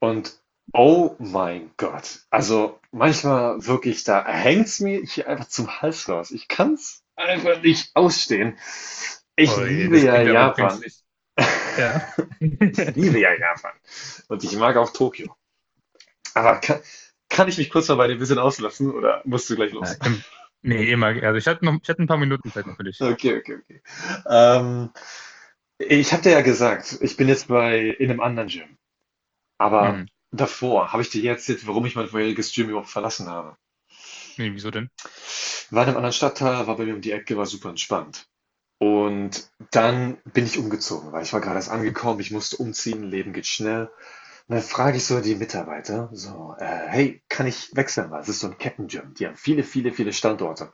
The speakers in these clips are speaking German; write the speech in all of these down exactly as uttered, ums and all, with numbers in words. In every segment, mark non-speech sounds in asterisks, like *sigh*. Und oh mein Gott, also manchmal wirklich, da hängt's mir hier einfach zum Hals raus. Ich kann's einfach nicht ausstehen. Ich Oh je, liebe das ja klingt aber Japan. brenzlig. Ja. *laughs* Ich liebe ja Japan. Und ich mag auch Tokio. Aber kann, kann ich mich kurz mal bei dir ein bisschen auslassen oder musst du gleich Ja, los? *laughs* im, Nee, immer. Also ich hatte noch, ich hatte ein paar Minuten Zeit noch für dich. Okay, okay, okay. Ähm, Ich habe dir ja gesagt, ich bin jetzt bei in einem anderen Gym. Aber Mhm. davor habe ich dir jetzt jetzt, warum ich mein vorheriges Gym überhaupt verlassen habe. Nee, wieso denn? War in einem anderen Stadtteil, war bei mir um die Ecke, war super entspannt. Und dann bin ich umgezogen, weil ich war gerade erst angekommen, ich musste umziehen, Leben geht schnell. Und dann frage ich so die Mitarbeiter, so, äh, hey, kann ich wechseln? Weil es ist so ein Kettenjump, die haben viele, viele, viele Standorte.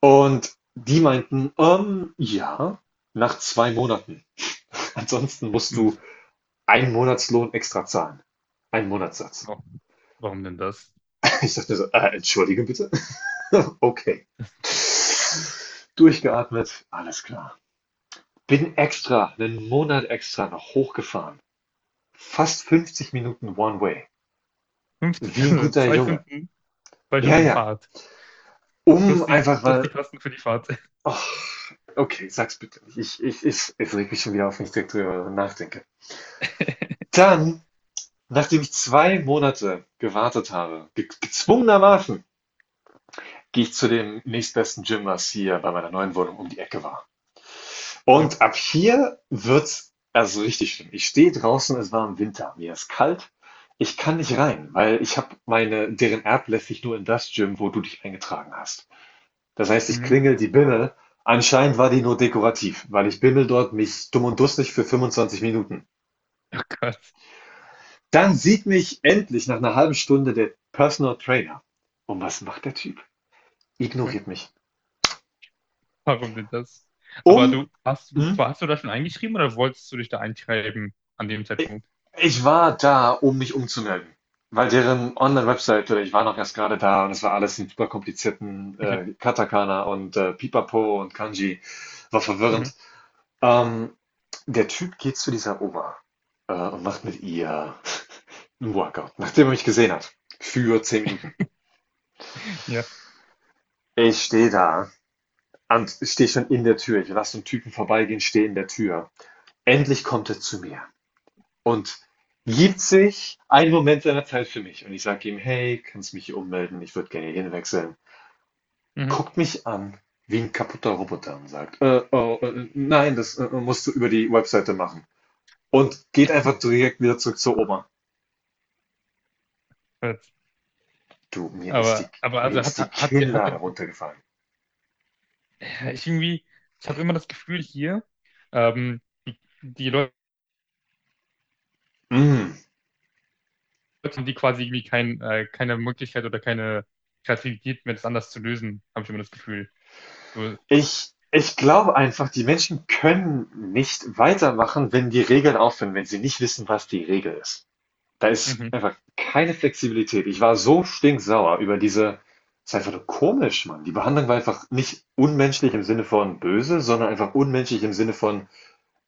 Und die meinten, ähm, ja, nach zwei Monaten. *laughs* Ansonsten musst Hm, du einen Monatslohn extra zahlen. Einen Monatssatz. wa- Warum denn das? *laughs* Ich dachte mir so, äh, entschuldige bitte. *laughs* Okay. Durchgeatmet, alles klar. Bin extra, einen Monat extra noch hochgefahren. Fast fünfzig Minuten One Way. Fünf, Wie *laughs* ein also guter zwei Junge. Stunden, zwei Ja, Stunden ja. Fahrt. Um Plus die, einfach plus mal. die Kosten für die Fahrt. *laughs* Oh, okay, sag's bitte nicht. Ich ich es es regt mich schon wieder auf, wenn ich direkt drüber nachdenke. Dann, nachdem ich zwei Monate gewartet habe, ge gezwungenermaßen, gehe ich zu dem nächstbesten Gym, was hier bei meiner neuen Wohnung um die Ecke war. Ja. Und ab hier wird's also richtig schlimm. Ich stehe draußen, es war im Winter, mir ist kalt. Ich kann nicht rein, weil ich habe meine, deren App lässt sich nur in das Gym, wo du dich eingetragen hast. Das heißt, ich Mhm. klingel die Bimmel. Anscheinend war die nur dekorativ, weil ich bimmel dort mich dumm und dusselig für fünfundzwanzig Minuten. Oh Gott. Dann sieht mich endlich nach einer halben Stunde der Personal Trainer. Und was macht der Typ? Ja. Ignoriert mich. Warum denn das? Aber Um, du, hast, hm, Warst du da schon eingeschrieben oder wolltest du dich da einschreiben an dem Zeitpunkt? Ich war da, um mich umzumelden, weil deren Online-Webseite, ich war noch erst gerade da und es war alles in überkomplizierten, Okay. äh, Katakana und, äh, Pipapo und Kanji. War Mhm. verwirrend. Ähm, Der Typ geht zu dieser Oma, äh, und macht mit ihr 'n Workout, nachdem er mich gesehen hat, für zehn Minuten. Ja. Ich stehe da und stehe schon in der Tür. Ich lasse 'n Typen vorbeigehen, stehe in der Tür. Endlich kommt er zu mir und gibt sich einen Moment seiner Zeit für mich. Und ich sage ihm, hey, kannst mich hier ummelden? Ich würde gerne hier wechseln. Mhm. Guckt mich an wie ein kaputter Roboter und sagt, äh, oh, äh, nein, das äh, musst du über die Webseite machen. Und geht einfach direkt wieder zurück zur Oma. Jetzt. Du, mir ist die, Aber, aber mir also hat, ist die hat, hat, sie- hat, Kinnlade runtergefallen. Ja, ich irgendwie, ich habe immer das Gefühl hier, ähm, die, die Leute Mm. haben die quasi irgendwie kein, äh, keine Möglichkeit oder keine Kreativität mehr, das anders zu lösen, habe ich immer das Gefühl. So, Ich, ich glaube einfach, die Menschen können nicht weitermachen, wenn die Regeln aufhören, wenn sie nicht wissen, was die Regel ist. Da ist mhm, einfach keine Flexibilität. Ich war so stinksauer über diese. Es ist einfach nur komisch, Mann. Die Behandlung war einfach nicht unmenschlich im Sinne von böse, sondern einfach unmenschlich im Sinne von,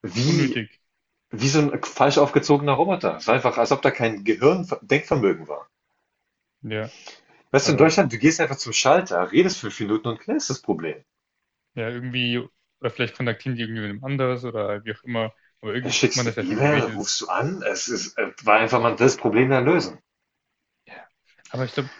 wie, unnötig. wie so ein falsch aufgezogener Roboter. Es war einfach, als ob da kein Gehirn-Denkvermögen war. Ja, Weißt du, in äh, Deutschland, du gehst einfach zum Schalter, redest fünf Minuten und klärst das Problem. ja, irgendwie, oder vielleicht kontaktieren die irgendwie mit einem anderes oder wie auch immer, aber Da irgendwie kriegt schickst man du das eine ja schon E-Mail, geregelt. rufst du an. Es ist, äh, war einfach mal das Problem dann lösen. Ja. Aber ich glaube,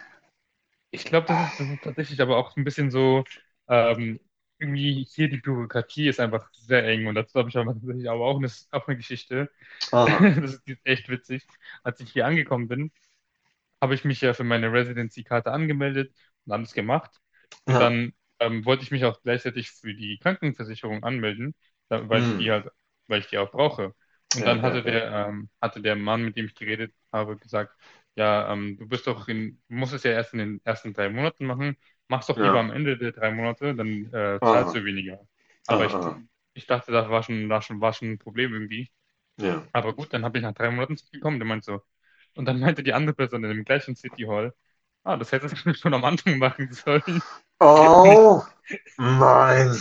ich glaube, das ist, das ist tatsächlich aber auch ein bisschen so, ähm, irgendwie hier die Bürokratie ist einfach sehr eng, und dazu habe ich aber tatsächlich aber auch eine, auch eine Geschichte. *laughs* Aha. Das ist echt witzig. Als ich hier angekommen bin, habe ich mich ja für meine Residency-Karte angemeldet und alles gemacht. Und Ja. dann ähm, wollte ich mich auch gleichzeitig für die Krankenversicherung anmelden, da, weil ich die Mm. halt, weil ich die auch brauche. Und Ja, dann ja, hatte ja. der, ähm, hatte der Mann, mit dem ich geredet habe, gesagt: ja, ähm, du bist doch in, du musst es ja erst in den ersten drei Monaten machen. Mach's doch lieber Ja. am Ende der drei Monate, dann äh, Aha. zahlst du weniger. Aha. Aber ich, Aha. ich dachte, das war schon, war schon, war schon ein Problem irgendwie. Ja. Aber gut, dann habe ich nach drei Monaten zurückgekommen, der meinte so. Und dann meinte die andere Person in dem gleichen City Hall: ah, das hättest du *laughs* schon am Anfang machen sollen. *laughs* Nicht, Oh mein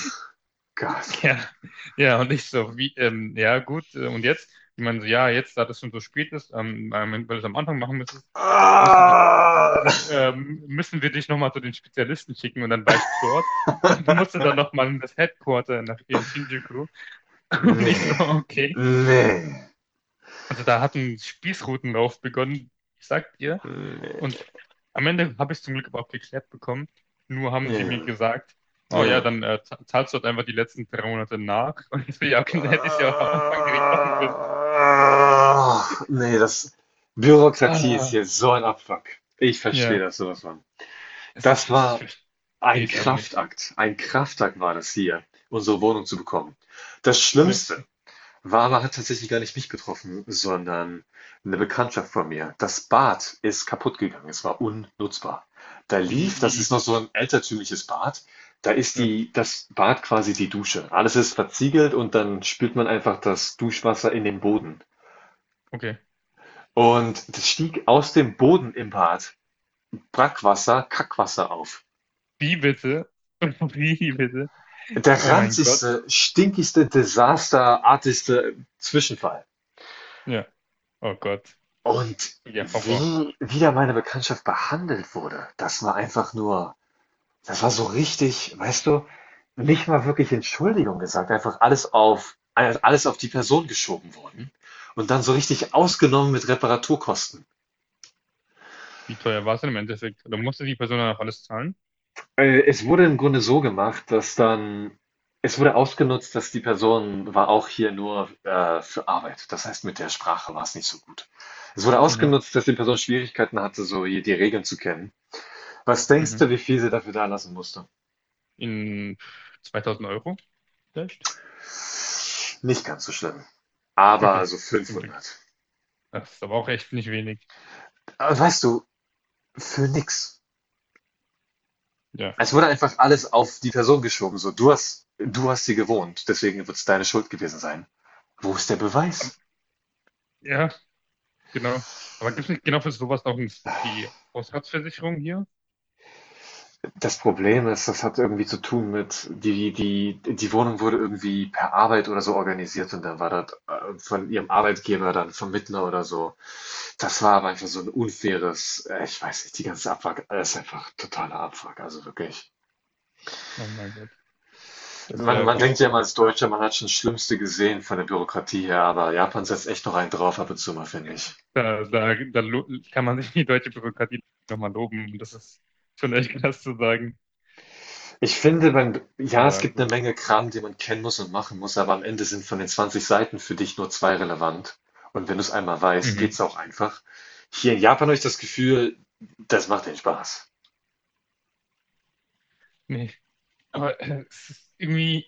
Gott! ja, ja, und ich so: wie, ähm, ja, gut, äh, und jetzt? Die meinen so: ja, jetzt, da das schon so spät ist, ähm, ähm, weil du es am Anfang machen müsstest, müssen wir, Ah, m- ähm, müssen wir dich nochmal zu den Spezialisten schicken, und dann war du dort und musste dann nochmal in das Headquarter nach in Shinjuku. *laughs* Und ich so: nee, okay. nee, Also da hat ein Spießrutenlauf begonnen, ich sag dir. Und am Ende habe ich es zum Glück aber auch geklärt bekommen. Nur haben nee, sie mir gesagt: ja, oh ja, ja. dann äh, za- zahlst du halt einfach die letzten drei Monate nach. *laughs* Und ich so: ja, okay, dann hätte ich es ja auch am Anfang direkt machen können. Ah, nee, das Bürokratie ist Ah, hier so ein Abfuck. Ich verstehe ja, das sowas von. es ist, Das es ist, war ich verstehe ein es einfach nicht. Kraftakt. Ein Kraftakt war das hier, unsere Wohnung zu bekommen. Das Ja, Schlimmste. Wawa hat tatsächlich gar nicht mich getroffen, sondern eine Bekanntschaft von mir. Das Bad ist kaputt gegangen, es war unnutzbar. Da wie, lief, das ist wie, noch so ein altertümliches Bad, da ist ja, die, das Bad quasi die Dusche. Alles ist verziegelt und dann spült man einfach das Duschwasser in den Boden. okay. Und das stieg aus dem Boden im Bad Brackwasser, Kackwasser auf. Wie bitte? *laughs* Wie bitte? Der Oh mein Gott. ranzigste, stinkigste, desasterartigste Zwischenfall. Ja, oh Gott. Und Ja, Horror. wie wieder meine Bekanntschaft behandelt wurde, das war einfach nur, das war so richtig, weißt du, nicht mal wirklich Entschuldigung gesagt, einfach alles auf alles auf die Person geschoben worden und dann so richtig ausgenommen mit Reparaturkosten. Wie teuer war es denn im Endeffekt? Oder musste die Person dann auch alles zahlen? Äh, es wurde im Grunde so gemacht, dass dann es wurde ausgenutzt, dass die Person war auch hier nur, äh, für Arbeit. Das heißt, mit der Sprache war es nicht so gut. Es wurde Mhm. ausgenutzt, dass die Person Schwierigkeiten hatte, so hier die Regeln zu kennen. Was denkst Mhm. du, wie viel sie dafür da lassen musste? In zweitausend Euro vielleicht? Nicht ganz so schlimm. Aber Okay, so zum Glück. fünfhundert. Das ist aber auch echt nicht wenig. Aber weißt du, für nix. Ja. Es wurde einfach alles auf die Person geschoben. So, du hast, du hast sie gewohnt, deswegen wird es deine Schuld gewesen sein. Wo ist der Ähm, Beweis? Ja, genau. Aber gibt es nicht genau für sowas noch ein, die Hausratsversicherung hier? Das Problem ist, das hat irgendwie zu tun mit, die die die Wohnung wurde irgendwie per Arbeit oder so organisiert und dann war das, äh, von ihrem Arbeitgeber dann Vermittler oder so. Das war aber einfach so ein unfaires, äh, ich weiß nicht, die ganze Abfuck, äh, ist einfach totaler Abfuck, also wirklich. Oh mein Gott, das ist Man ja man denkt ja richtig. mal als Deutscher, man hat schon das Schlimmste gesehen von der Bürokratie her, aber Japan setzt echt noch einen drauf ab und zu mal, finde ich. Da, da, da lo- kann man sich die deutsche Bürokratie nochmal loben. Das ist schon echt krass zu sagen. Ich finde, man, ja, es Aber gibt eine gut. Menge Kram, den man kennen muss und machen muss, aber am Ende sind von den zwanzig Seiten für dich nur zwei relevant. Und wenn du es einmal weißt, Mhm. geht's auch einfach. Hier in Japan habe ich das Gefühl, das macht den Spaß. Nee. Aber äh, es ist irgendwie.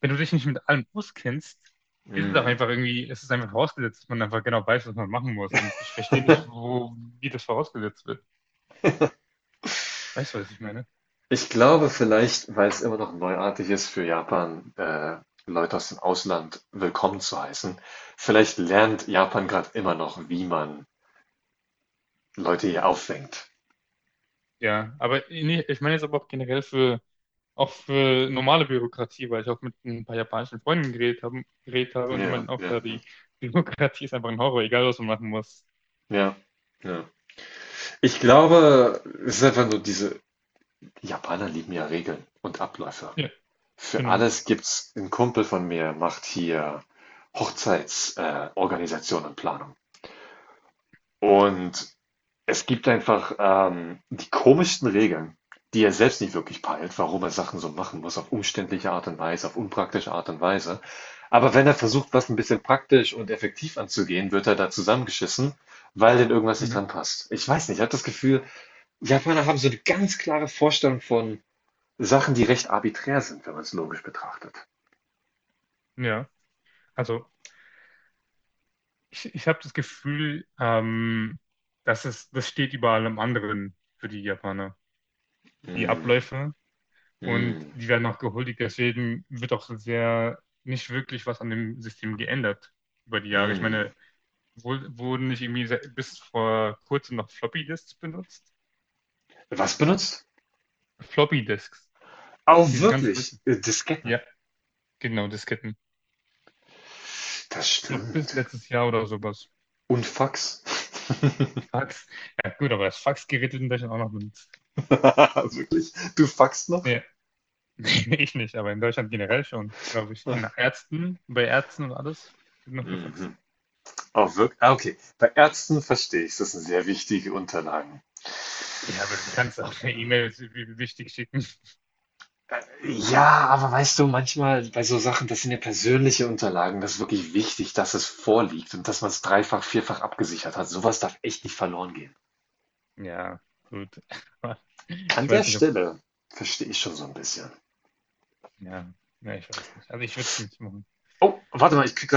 Wenn du dich nicht mit allem auskennst, ist es auch Mm. einfach irgendwie, es ist einfach vorausgesetzt, dass man einfach genau weiß, was man machen muss. Und ich verstehe nicht, wo, wie das vorausgesetzt wird. Weißt du, was ich meine? Ich glaube vielleicht, weil es immer noch neuartig ist für Japan, äh, Leute aus dem Ausland willkommen zu heißen. Vielleicht lernt Japan gerade immer noch, wie man Leute hier auffängt. Ja, aber nee, ich meine jetzt aber auch generell für, auch für normale Bürokratie, weil ich auch mit ein paar japanischen Freunden geredet habe, geredet habe und die Ja, meinten auch, ja, ja, ja, die Bürokratie ist einfach ein Horror, egal was man machen muss. ja, ja. Ich glaube, es ist einfach nur diese. Die Japaner lieben ja Regeln und Abläufe. Ja, Für genau. alles gibt's, 'n Kumpel von mir macht hier Hochzeits, äh, Organisation und Planung. Und es gibt einfach, ähm, die komischsten Regeln, die er selbst nicht wirklich peilt, warum er Sachen so machen muss, auf umständliche Art und Weise, auf unpraktische Art und Weise. Aber wenn er versucht, was ein bisschen praktisch und effektiv anzugehen, wird er da zusammengeschissen, weil denen irgendwas nicht Mhm. dran passt. Ich weiß nicht, ich habe das Gefühl, Japaner haben so eine ganz klare Vorstellung von Sachen, die recht arbiträr sind, wenn man es logisch betrachtet. Ja, also ich, ich habe das Gefühl, ähm, das ist, das steht überall am anderen für die Japaner. Die Hm. Abläufe, und Hm. die werden auch gehuldigt. Deswegen wird auch sehr nicht wirklich was an dem System geändert über die Jahre. Ich Hm. meine, wo, wurden nicht irgendwie se- bis vor kurzem noch Floppy-Disks benutzt? Was benutzt? Floppy-Disks. Oh, Diese ganz wirklich? alten. Äh, Disketten. Ja, genau, Disketten. Das Ich glaube, bis stimmt. letztes Jahr oder sowas. Und Fax. *laughs* Fax. Ja, gut, aber das Faxgerät wird in Deutschland auch noch benutzt. Wirklich? Du faxst noch? Ja, *laughs* ich nicht, aber in Deutschland generell schon, glaube ich. In Ärzten, bei Ärzten und alles wird noch gefaxt. Mhm. Oh, wirklich? Ah, okay. Bei Ärzten verstehe ich, das sind sehr wichtige Unterlagen. Ja, aber du kannst auch eine E-Mail, wie wie wichtig, schicken. Äh, Ja, aber weißt du, manchmal bei so Sachen, das sind ja persönliche Unterlagen, das ist wirklich wichtig, dass es vorliegt und dass man es dreifach, vierfach abgesichert hat. Sowas darf echt nicht verloren gehen. Ja, gut. *laughs* An Ich der weiß nicht, ob. Stelle verstehe ich schon so ein bisschen. Ja, ja, ich weiß nicht. Also ich würde es nicht machen. Oh, warte mal, ich krieg